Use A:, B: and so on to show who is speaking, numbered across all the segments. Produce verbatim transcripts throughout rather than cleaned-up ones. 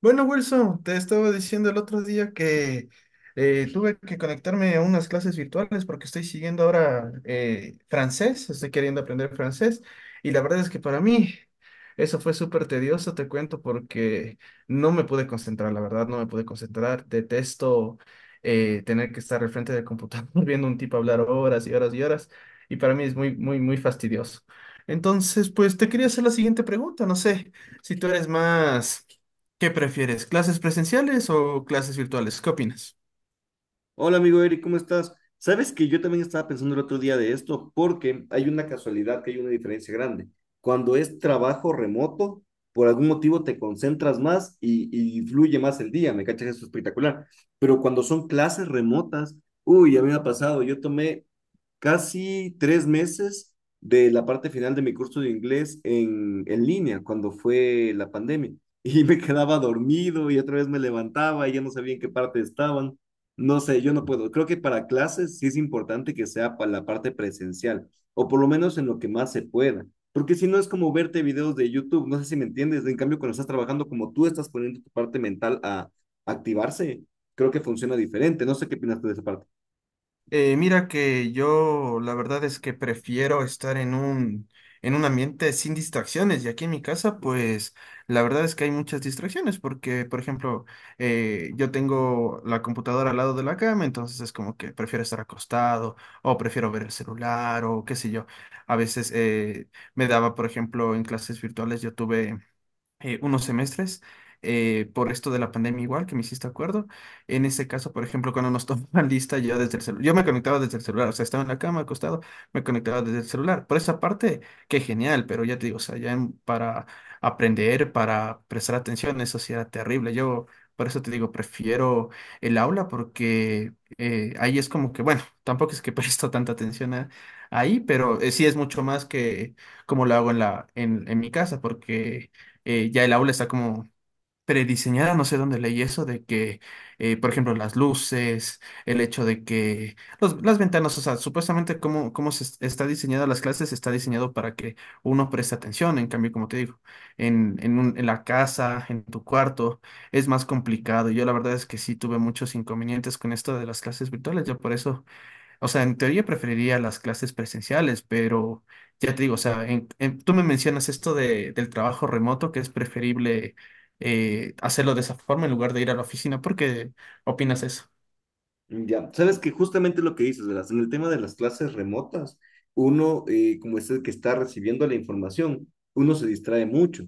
A: Bueno, Wilson, te estaba diciendo el otro día que eh, tuve que conectarme a unas clases virtuales porque estoy siguiendo ahora eh, francés, estoy queriendo aprender francés y la verdad es que para mí eso fue súper tedioso, te cuento, porque no me pude concentrar, la verdad, no me pude concentrar. Detesto eh, tener que estar al frente del computador viendo a un tipo hablar horas y horas y horas y para mí es muy, muy, muy fastidioso. Entonces, pues te quería hacer la siguiente pregunta, no sé si tú eres más... ¿Qué prefieres? ¿Clases presenciales o clases virtuales? ¿Qué opinas?
B: Hola amigo Eric, ¿cómo estás? Sabes que yo también estaba pensando el otro día de esto porque hay una casualidad que hay una diferencia grande. Cuando es trabajo remoto, por algún motivo te concentras más y, y fluye más el día, ¿me cachas? Eso es espectacular. Pero cuando son clases remotas, uy, a mí me ha pasado, yo tomé casi tres meses de la parte final de mi curso de inglés en, en línea, cuando fue la pandemia. Y me quedaba dormido y otra vez me levantaba y ya no sabía en qué parte estaban. No sé, yo no puedo. Creo que para clases sí es importante que sea para la parte presencial, o por lo menos en lo que más se pueda. Porque si no es como verte videos de YouTube, no sé si me entiendes. En cambio, cuando estás trabajando, como tú estás poniendo tu parte mental a activarse, creo que funciona diferente. No sé qué opinas tú de esa parte.
A: Eh, mira que yo la verdad es que prefiero estar en un, en un ambiente sin distracciones, y aquí en mi casa pues la verdad es que hay muchas distracciones porque, por ejemplo, eh, yo tengo la computadora al lado de la cama, entonces es como que prefiero estar acostado o prefiero ver el celular o qué sé yo. A veces eh, me daba, por ejemplo, en clases virtuales yo tuve eh, unos semestres eh, por esto de la pandemia, igual, que me hiciste acuerdo. En ese caso, por ejemplo, cuando nos tomaban lista, yo desde el celular, yo me conectaba desde el celular, o sea, estaba en la cama acostado, me conectaba desde el celular. Por esa parte, qué genial, pero ya te digo, o sea, ya en- para aprender, para prestar atención, eso sí era terrible. Yo, por eso te digo, prefiero el aula porque eh, ahí es como que, bueno, tampoco es que presto tanta atención a- ahí, pero eh, sí es mucho más que como lo hago en la, en en mi casa, porque eh, ya el aula está como prediseñada, no sé dónde leí eso, de que eh, por ejemplo, las luces, el hecho de que los- las ventanas, o sea, supuestamente cómo, cómo se es- está diseñada las clases, está diseñado para que uno preste atención. En cambio, como te digo, en, en, un- en la casa, en tu cuarto, es más complicado. Yo la verdad es que sí tuve muchos inconvenientes con esto de las clases virtuales, yo por eso, o sea, en teoría preferiría las clases presenciales, pero ya te digo, o sea, en- en- tú me mencionas esto de, del trabajo remoto, que es preferible eh, hacerlo de esa forma en lugar de ir a la oficina. ¿Por qué opinas eso?
B: Ya, sabes que justamente lo que dices, ¿verdad? En el tema de las clases remotas, uno, eh, como es el que está recibiendo la información, uno se distrae mucho.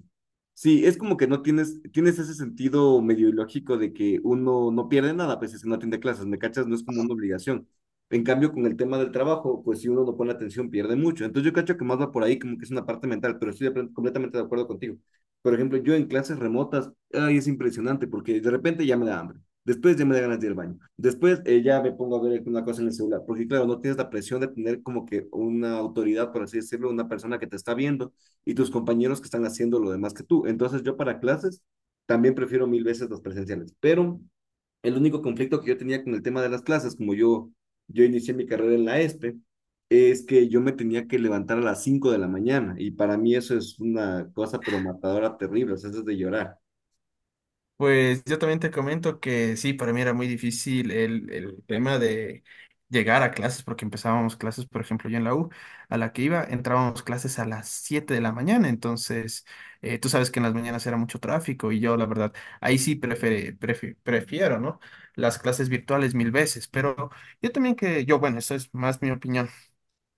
B: Sí, es como que no tienes, tienes ese sentido medio ilógico de que uno no pierde nada, pues es si no atiende clases, ¿me cachas? No es como una obligación. En cambio, con el tema del trabajo, pues si uno no pone atención, pierde mucho. Entonces yo cacho que más va por ahí, como que es una parte mental, pero estoy de plen- completamente de acuerdo contigo. Por ejemplo, yo en clases remotas, ay, es impresionante porque de repente ya me da hambre. Después ya me da ganas de ir al baño. Después eh, ya me pongo a ver una cosa en el celular, porque claro, no tienes la presión de tener como que una autoridad, por así decirlo, una persona que te está viendo y tus compañeros que están haciendo lo demás que tú. Entonces yo para clases también prefiero mil veces las presenciales, pero el único conflicto que yo tenía con el tema de las clases, como yo, yo inicié mi carrera en la ESPE, es que yo me tenía que levantar a las cinco de la mañana y para mí eso es una cosa pero matadora terrible, o sea, eso es de llorar.
A: Pues yo también te comento que sí, para mí era muy difícil el, el tema de llegar a clases, porque empezábamos clases, por ejemplo, yo en la U, a la que iba, entrábamos clases a las siete de la mañana, entonces eh, tú sabes que en las mañanas era mucho tráfico, y yo, la verdad, ahí sí prefere- prefi- prefiero, ¿no? Las clases virtuales mil veces, pero yo también que, yo, bueno, eso es más mi opinión,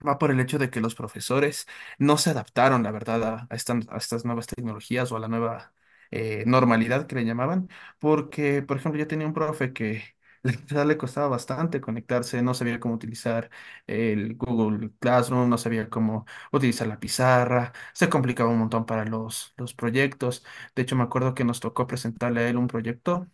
A: va por el hecho de que los profesores no se adaptaron, la verdad, a, a estas, a estas nuevas tecnologías o a la nueva eh, normalidad que le llamaban, porque, por ejemplo, yo tenía un profe que la verdad le costaba bastante conectarse, no sabía cómo utilizar el Google Classroom, no sabía cómo utilizar la pizarra, se complicaba un montón para los, los proyectos. De hecho, me acuerdo que nos tocó presentarle a él un proyecto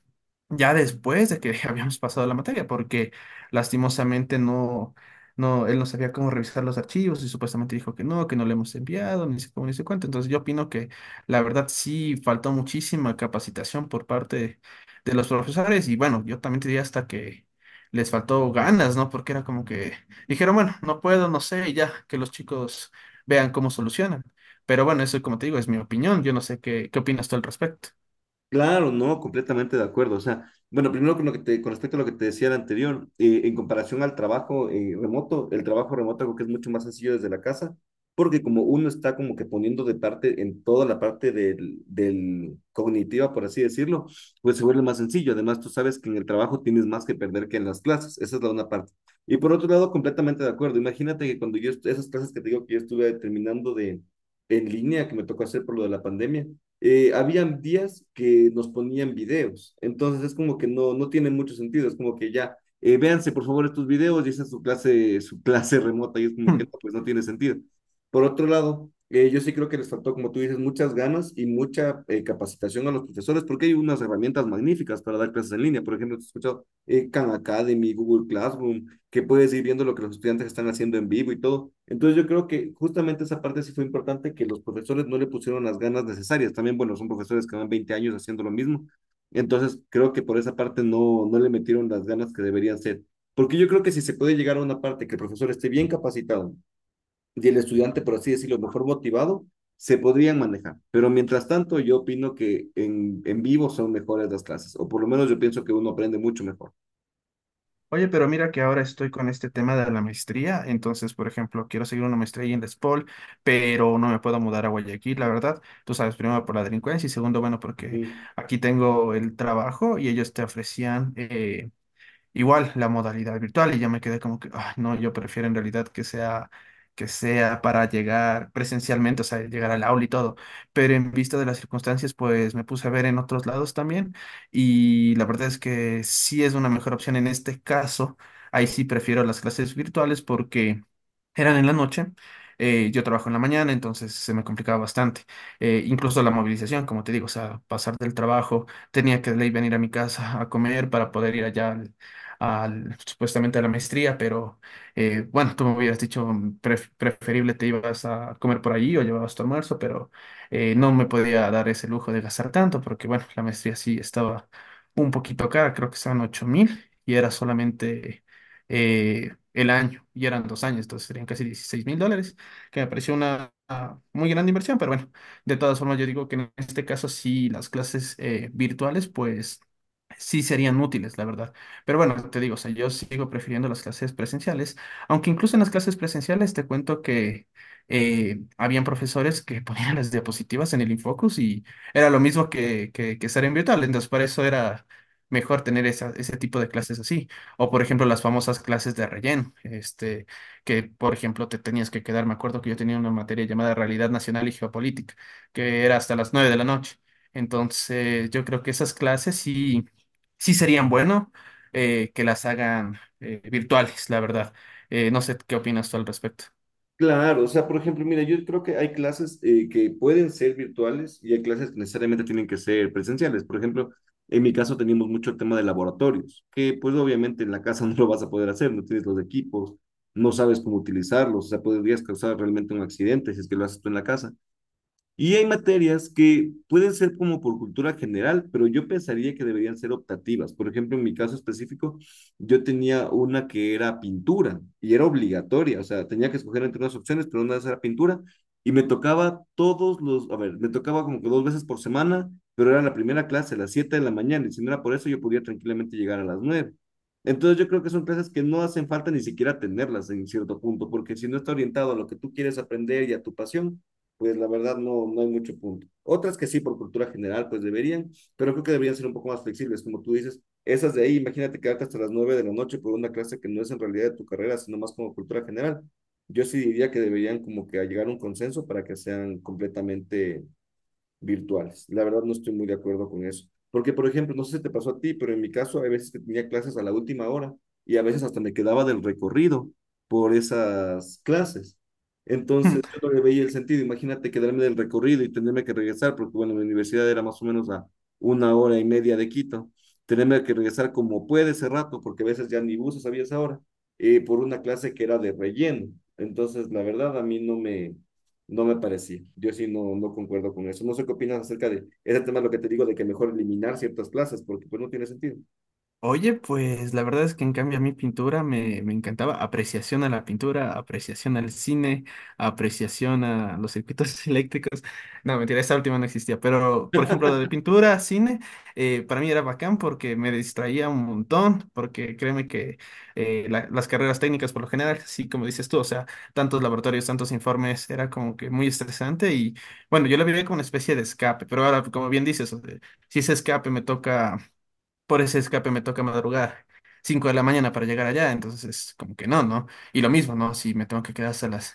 A: ya después de que habíamos pasado la materia, porque lastimosamente no, no, él no sabía cómo revisar los archivos y supuestamente dijo que no, que no le hemos enviado, ni sé cómo, ni sé cuánto. Entonces yo opino que la verdad sí faltó muchísima capacitación por parte de los profesores, y bueno, yo también te diría hasta que les faltó ganas, ¿no? Porque era como que dijeron, bueno, no puedo, no sé, y ya, que los chicos vean cómo solucionan. Pero bueno, eso, como te digo, es mi opinión. Yo no sé qué, qué opinas tú al respecto.
B: Claro, no, completamente de acuerdo. O sea, bueno, primero con lo que te, con respecto a lo que te decía el anterior, eh, en comparación al trabajo eh, remoto, el trabajo remoto creo que es mucho más sencillo desde la casa, porque como uno está como que poniendo de parte en toda la parte del, del cognitiva, por así decirlo, pues se vuelve más sencillo. Además, tú sabes que en el trabajo tienes más que perder que en las clases. Esa es la una parte. Y por otro lado, completamente de acuerdo. Imagínate que cuando yo, est- esas clases que te digo que yo estuve terminando de en línea, que me tocó hacer por lo de la pandemia eh, habían días que nos ponían videos. Entonces es como que no, no tiene mucho sentido, es como que ya, eh, véanse por favor estos videos y esa es su clase, su clase remota y es como que no, pues no tiene sentido. Por otro lado, eh, yo sí creo que les faltó, como tú dices, muchas ganas y mucha eh, capacitación a los profesores, porque hay unas herramientas magníficas para dar clases en línea. Por ejemplo, he escuchado eh, Khan Academy, Google Classroom, que puedes ir viendo lo que los estudiantes están haciendo en vivo y todo. Entonces yo creo que justamente esa parte sí fue importante, que los profesores no le pusieron las ganas necesarias. También, bueno, son profesores que van veinte años haciendo lo mismo. Entonces creo que por esa parte no, no le metieron las ganas que deberían ser. Porque yo creo que si se puede llegar a una parte que el profesor esté bien capacitado y el estudiante, por así decirlo, mejor motivado, se podrían manejar. Pero mientras tanto, yo opino que en, en vivo son mejores las clases, o por lo menos yo pienso que uno aprende mucho mejor.
A: Oye, pero mira que ahora estoy con este tema de la maestría, entonces, por ejemplo, quiero seguir una maestría ahí en La Espol, pero no me puedo mudar a Guayaquil, la verdad. Tú sabes, primero por la delincuencia y segundo, bueno,
B: Uh
A: porque
B: -huh.
A: aquí tengo el trabajo, y ellos te ofrecían eh, Igual la modalidad virtual, y yo me quedé como que, "Ay, no, yo prefiero en realidad que sea, que sea para llegar presencialmente, o sea, llegar al aula y todo". Pero en vista de las circunstancias, pues me puse a ver en otros lados también, y la verdad es que sí es una mejor opción en este caso. Ahí sí prefiero las clases virtuales porque eran en la noche. Eh, yo trabajo en la mañana, entonces se me complicaba bastante. Eh, incluso la movilización, como te digo, o sea, pasar del trabajo, tenía que de ley venir a mi casa a comer para poder ir allá al- supuestamente a la maestría, pero eh, bueno, tú me habías dicho mm, pref- preferible te ibas a comer por allí o llevabas tu almuerzo, pero eh, no me podía dar ese lujo de gastar tanto porque, bueno, la maestría sí estaba un poquito cara, creo que estaban ocho mil y era solamente eh, el año y eran dos años, entonces serían casi dieciséis mil dólares, que me pareció una... una muy grande inversión, pero bueno, de todas formas yo digo que en este caso sí las clases eh, virtuales pues sí serían útiles, la verdad. Pero bueno, te digo, o sea, yo sigo prefiriendo las clases presenciales, aunque incluso en las clases presenciales te cuento que eh, habían profesores que ponían las diapositivas en el Infocus y era lo mismo que que, que estar en virtual, entonces para eso era mejor tener esa- ese tipo de clases así. O, por ejemplo, las famosas clases de relleno, este, que, por ejemplo, te tenías que quedar, me acuerdo que yo tenía una materia llamada Realidad Nacional y Geopolítica, que era hasta las nueve de la noche. Entonces, yo creo que esas clases sí, sí serían bueno eh, que las hagan eh, virtuales, la verdad. Eh, no sé qué opinas tú al respecto.
B: Claro, o sea, por ejemplo, mira, yo creo que hay clases eh, que pueden ser virtuales y hay clases que necesariamente tienen que ser presenciales. Por ejemplo, en mi caso teníamos mucho el tema de laboratorios, que pues obviamente en la casa no lo vas a poder hacer, no tienes los equipos, no sabes cómo utilizarlos, o sea, podrías causar realmente un accidente si es que lo haces tú en la casa. Y hay materias que pueden ser como por cultura general, pero yo pensaría que deberían ser optativas. Por ejemplo, en mi caso específico, yo tenía una que era pintura y era obligatoria, o sea, tenía que escoger entre unas opciones, pero una de esas era pintura y me tocaba todos los, a ver, me tocaba como que dos veces por semana, pero era la primera clase, a las siete de la mañana, y si no era por eso, yo podía tranquilamente llegar a las nueve. Entonces yo creo que son clases que no hacen falta ni siquiera tenerlas en cierto punto, porque si no está orientado a lo que tú quieres aprender y a tu pasión, pues la verdad no, no hay mucho punto. Otras que sí, por cultura general, pues deberían, pero creo que deberían ser un poco más flexibles, como tú dices. Esas de ahí, imagínate quedarte hasta las nueve de la noche por una clase que no es en realidad de tu carrera, sino más como cultura general. Yo sí diría que deberían como que llegar a un consenso para que sean completamente virtuales. La verdad no estoy muy de acuerdo con eso. Porque, por ejemplo, no sé si te pasó a ti, pero en mi caso hay veces que tenía clases a la última hora y a veces hasta me quedaba del recorrido por esas clases. Entonces yo no le veía el sentido. Imagínate quedarme del recorrido y tenerme que regresar, porque bueno, mi universidad era más o menos a una hora y media de Quito. Tenerme que regresar como puede ese rato, porque a veces ya ni buses había esa hora, eh, por una clase que era de relleno. Entonces, la verdad, a mí no me, no me parecía. Yo sí no, no concuerdo con eso. No sé qué opinas acerca de ese tema, lo que te digo, de que mejor eliminar ciertas plazas, porque pues no tiene sentido.
A: Oye, pues la verdad es que en cambio a mí pintura me, me encantaba. Apreciación a la pintura, apreciación al cine, apreciación a los circuitos eléctricos. No, mentira, esa última no existía. Pero, por ejemplo, lo de pintura, cine, eh, para mí era bacán porque me distraía un montón, porque créeme que eh, la- las carreras técnicas por lo general, sí, como dices tú, o sea, tantos laboratorios, tantos informes, era como que muy estresante, y bueno, yo la vivía como una especie de escape, pero ahora, como bien dices, o sea, si ese escape me toca, por ese escape me toca madrugar cinco de la mañana para llegar allá, entonces es como que no, ¿no? Y lo mismo, ¿no? Si me tengo que quedar hasta las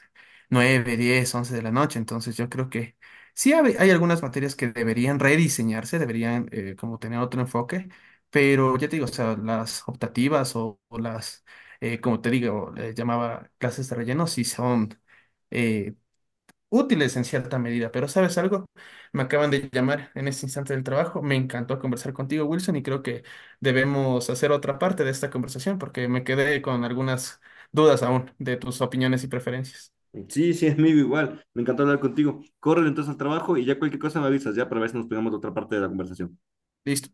A: nueve, diez, once de la noche, entonces yo creo que sí hab- hay algunas materias que deberían rediseñarse, deberían eh, como tener otro enfoque, pero ya te digo, o sea, las optativas o, o las, eh, como te digo, le llamaba clases de relleno, sí son... eh, útiles en cierta medida, pero ¿sabes algo? Me acaban de llamar en este instante del trabajo. Me encantó conversar contigo, Wilson, y creo que debemos hacer otra parte de esta conversación porque me quedé con algunas dudas aún de tus opiniones y preferencias.
B: Sí, sí, amigo, igual. Me encantó hablar contigo. Corre entonces al trabajo y ya cualquier cosa me avisas, ya para ver si nos pegamos de otra parte de la conversación.
A: Listo.